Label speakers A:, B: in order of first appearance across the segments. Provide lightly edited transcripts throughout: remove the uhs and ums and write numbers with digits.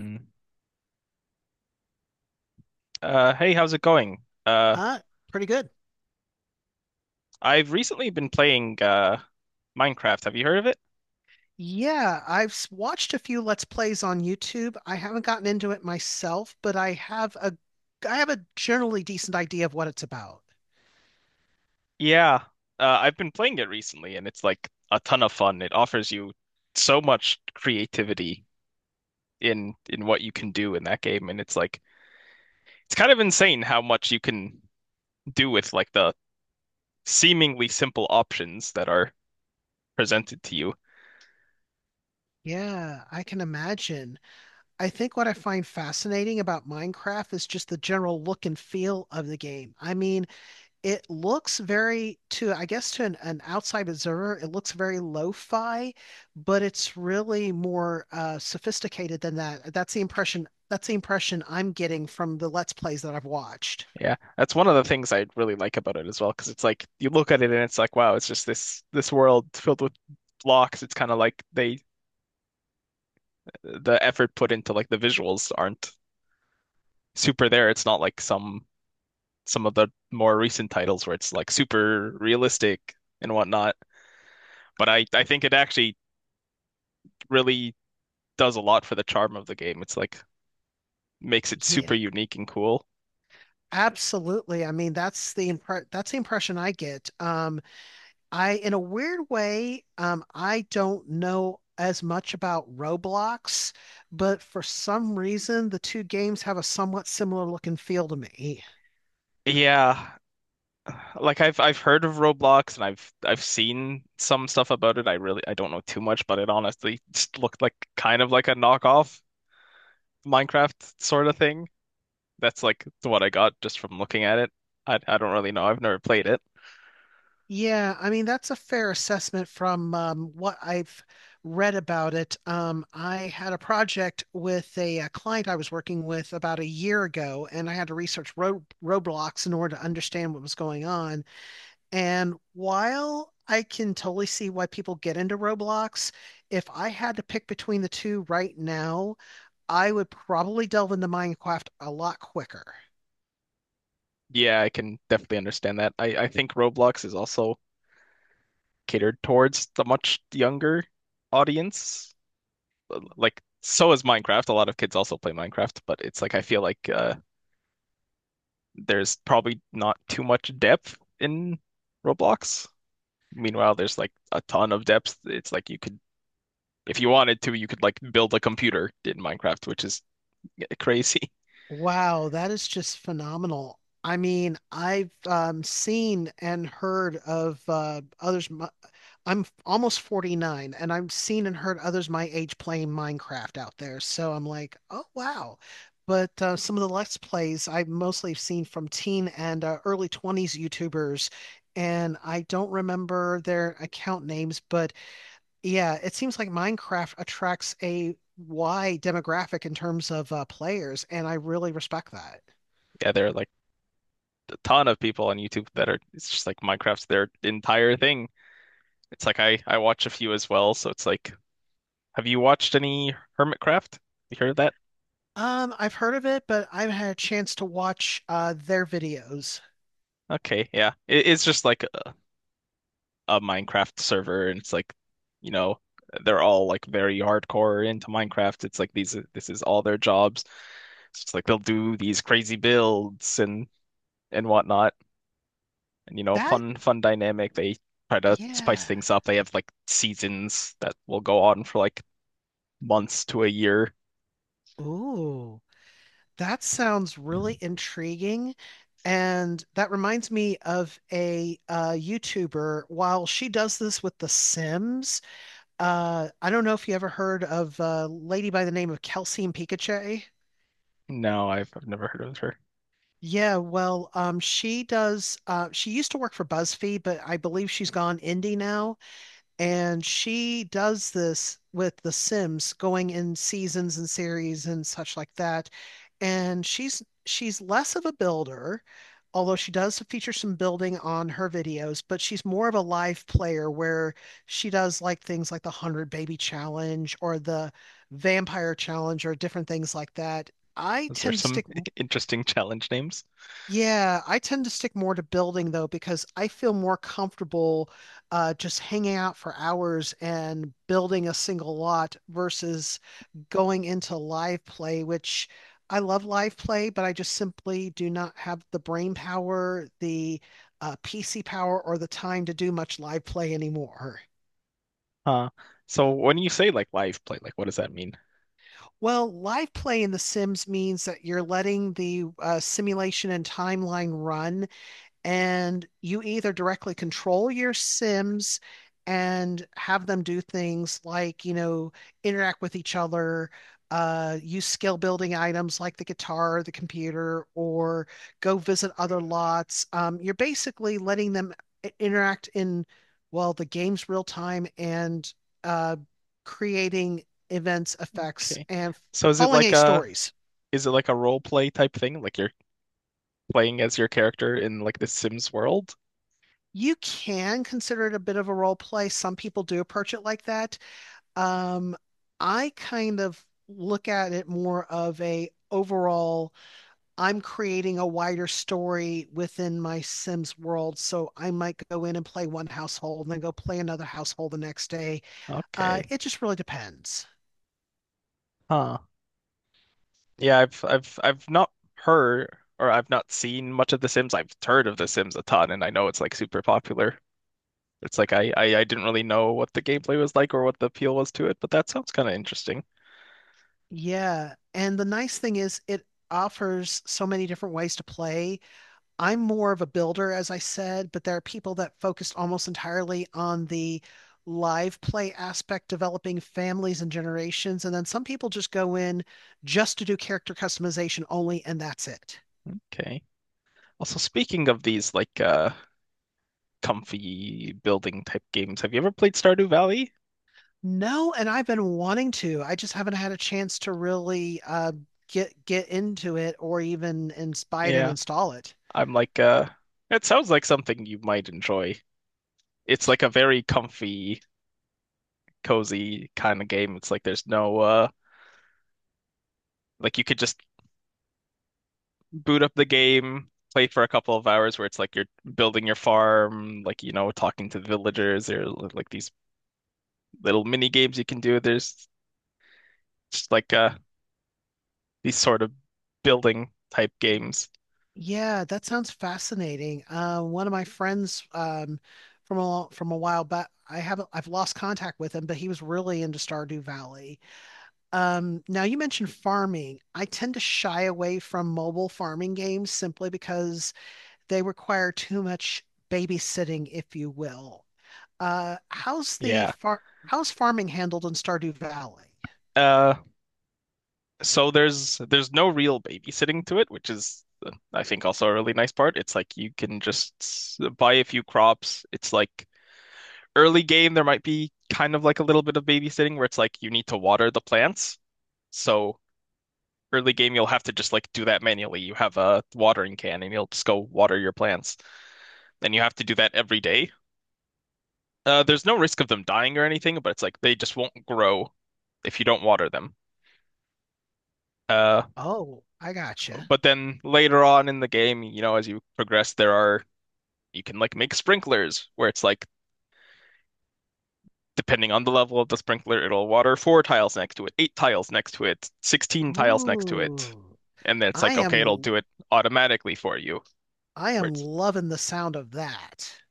A: Mm. Hey, how's it going? Uh,
B: Uh, pretty good.
A: I've recently been playing Minecraft. Have you heard of it?
B: Yeah, I've watched a few Let's Plays on YouTube. I haven't gotten into it myself, but I have a generally decent idea of what it's about.
A: Yeah, I've been playing it recently, and it's like a ton of fun. It offers you so much creativity in what you can do in that game, and it's like it's kind of insane how much you can do with like the seemingly simple options that are presented to you.
B: Yeah, I can imagine. I think what I find fascinating about Minecraft is just the general look and feel of the game. I mean, it looks very to I guess to an outside observer, it looks very lo-fi, but it's really more sophisticated than that. That's the impression I'm getting from the Let's Plays that I've watched.
A: Yeah, that's one of the things I really like about it as well, because it's like you look at it and it's like, wow, it's just this world filled with blocks. It's kind of like they the effort put into like the visuals aren't super there. It's not like some of the more recent titles where it's like super realistic and whatnot. But I think it actually really does a lot for the charm of the game. It's like makes it
B: Yeah,
A: super unique and cool.
B: absolutely. I mean, that's the impression I get. I, in a weird way, I don't know as much about Roblox, but for some reason, the two games have a somewhat similar look and feel to me.
A: Yeah, like I've heard of Roblox and I've seen some stuff about it. I really I don't know too much, but it honestly just looked like kind of like a knockoff Minecraft sort of thing. That's like what I got just from looking at it. I don't really know. I've never played it.
B: Yeah, I mean that's a fair assessment from what I've read about it. I had a project with uh, client I was working with about a year ago, and I had to research roadblocks in order to understand what was going on. And while I can totally see why people get into Roblox, if I had to pick between the two right now, I would probably delve into Minecraft a lot quicker.
A: Yeah, I can definitely understand that. I think Roblox is also catered towards the much younger audience. Like so is Minecraft. A lot of kids also play Minecraft, but it's like I feel like there's probably not too much depth in Roblox. Meanwhile, there's like a ton of depth. It's like you could, if you wanted to, you could like build a computer in Minecraft, which is crazy.
B: Wow, that is just phenomenal. I mean, I've seen and heard of others. I'm almost 49, and I've seen and heard others my age playing Minecraft out there. So I'm like, oh, wow. But some of the Let's Plays I've mostly seen from teen and early 20s YouTubers, and I don't remember their account names, but yeah, it seems like Minecraft attracts a wide demographic in terms of players, and I really respect that.
A: Yeah, there are like a ton of people on YouTube that are, it's just like Minecraft's their entire thing. It's like I watch a few as well, so it's like, have you watched any Hermitcraft? You heard of that?
B: I've heard of it, but I've had a chance to watch their videos.
A: Okay, yeah. It's just like a Minecraft server, and it's like, you know, they're all like very hardcore into Minecraft. It's like these this is all their jobs. So it's like they'll do these crazy builds and whatnot, and you know,
B: That,
A: fun dynamic. They try to spice
B: yeah.
A: things up. They have like seasons that will go on for like months to a year.
B: Ooh, that sounds really intriguing. And that reminds me of a YouTuber. While she does this with The Sims, I don't know if you ever heard of a lady by the name of Kelsey and Pikachu.
A: No, I've never heard of her.
B: Yeah, well, she does. She used to work for BuzzFeed, but I believe she's gone indie now. And she does this with The Sims, going in seasons and series and such like that. And she's less of a builder, although she does feature some building on her videos. But she's more of a live player, where she does like things like the Hundred Baby Challenge or the Vampire Challenge or different things like that. I
A: Those are
B: tend to
A: some
B: stick.
A: interesting challenge names.
B: Yeah, I tend to stick more to building though because I feel more comfortable just hanging out for hours and building a single lot versus going into live play, which I love live play, but I just simply do not have the brain power, the PC power, or the time to do much live play anymore.
A: Uh, so when you say like live play, like what does that mean?
B: Well, live play in The Sims means that you're letting the simulation and timeline run and you either directly control your Sims and have them do things like, you know, interact with each other, use skill building items like the guitar, the computer, or go visit other lots. You're basically letting them interact in, well, the game's real time and uh, creating events, effects,
A: Okay.
B: and
A: So is it
B: following
A: like
B: a
A: a
B: stories.
A: Is it like a role play type thing? Like you're playing as your character in like the Sims world?
B: You can consider it a bit of a role play. Some people do approach it like that. Um, I kind of look at it more of a overall, I'm creating a wider story within my Sims world. So I might go in and play one household and then go play another household the next day.
A: Okay.
B: It just really depends.
A: Huh. Yeah, I've not heard or I've not seen much of The Sims. I've heard of The Sims a ton and I know it's like super popular. It's like I I didn't really know what the gameplay was like or what the appeal was to it, but that sounds kind of interesting.
B: Yeah. And the nice thing is it offers so many different ways to play. I'm more of a builder, as I said, but there are people that focused almost entirely on the live play aspect, developing families and generations. And then some people just go in just to do character customization only, and that's it.
A: Okay. Also, speaking of these like comfy building type games, have you ever played Stardew Valley?
B: No, and I've been wanting to. I just haven't had a chance to really get into it or even inspire and
A: Yeah.
B: install it.
A: I'm like, it sounds like something you might enjoy. It's like a very comfy, cozy kind of game. It's like there's no, like you could just boot up the game, play for a couple of hours where it's like you're building your farm, like, you know, talking to the villagers or like these little mini games you can do. There's just like, these sort of building type games.
B: Yeah, that sounds fascinating. One of my friends from a while back, I haven't I've lost contact with him, but he was really into Stardew Valley. Now you mentioned farming. I tend to shy away from mobile farming games simply because they require too much babysitting, if you will. Uh, how's the
A: Yeah.
B: far how's farming handled in Stardew Valley?
A: Uh, so there's no real babysitting to it, which is I think also a really nice part. It's like you can just buy a few crops. It's like early game, there might be kind of like a little bit of babysitting where it's like you need to water the plants. So early game, you'll have to just like do that manually. You have a watering can and you'll just go water your plants, and you have to do that every day. There's no risk of them dying or anything, but it's like they just won't grow if you don't water them. Uh,
B: Oh, I gotcha.
A: but then later on in the game, you know, as you progress, there are you can like make sprinklers where it's like depending on the level of the sprinkler, it'll water four tiles next to it, eight tiles next to it, 16 tiles next to it.
B: Ooh,
A: And then it's
B: I
A: like, okay, it'll
B: am
A: do it automatically for you.
B: I
A: Where
B: am
A: it's
B: loving the sound of that.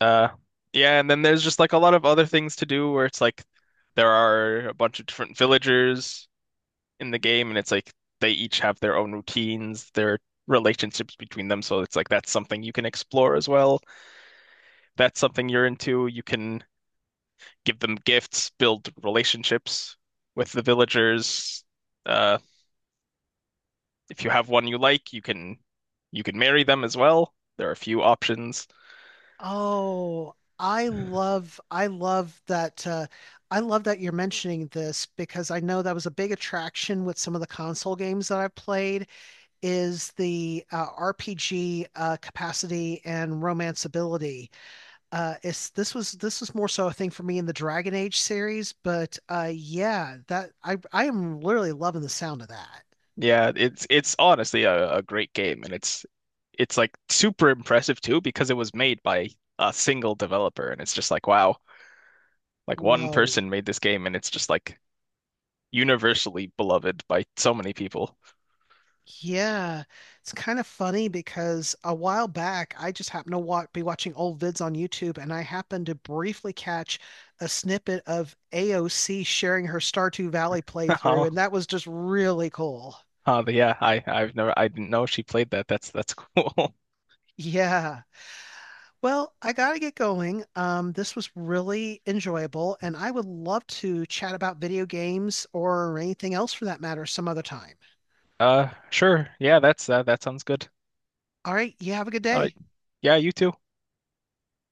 A: uh yeah, and then there's just like a lot of other things to do where it's like there are a bunch of different villagers in the game and it's like they each have their own routines, their relationships between them. So it's like that's something you can explore as well. That's something you're into. You can give them gifts, build relationships with the villagers. Uh, if you have one you like, you can marry them as well. There are a few options.
B: Oh, I love that you're mentioning this because I know that was a big attraction with some of the console games that I've played is the RPG capacity and romanceability. It's this was more so a thing for me in the Dragon Age series, but yeah, that I am literally loving the sound of that.
A: Yeah, it's honestly a great game, and it's like super impressive too because it was made by a single developer, and it's just like wow, like one
B: Whoa.
A: person made this game, and it's just like universally beloved by so many people.
B: Yeah, it's kind of funny because a while back I just happened to wa be watching old vids on YouTube and I happened to briefly catch a snippet of AOC sharing her Stardew Valley playthrough, and that was just really cool.
A: Oh, yeah, I I didn't know she played that. That's cool.
B: Yeah. Well, I gotta get going. This was really enjoyable, and I would love to chat about video games or anything else for that matter some other time.
A: Sure. Yeah, that's that sounds good.
B: All right, you have a good
A: All right.
B: day.
A: Yeah, you too.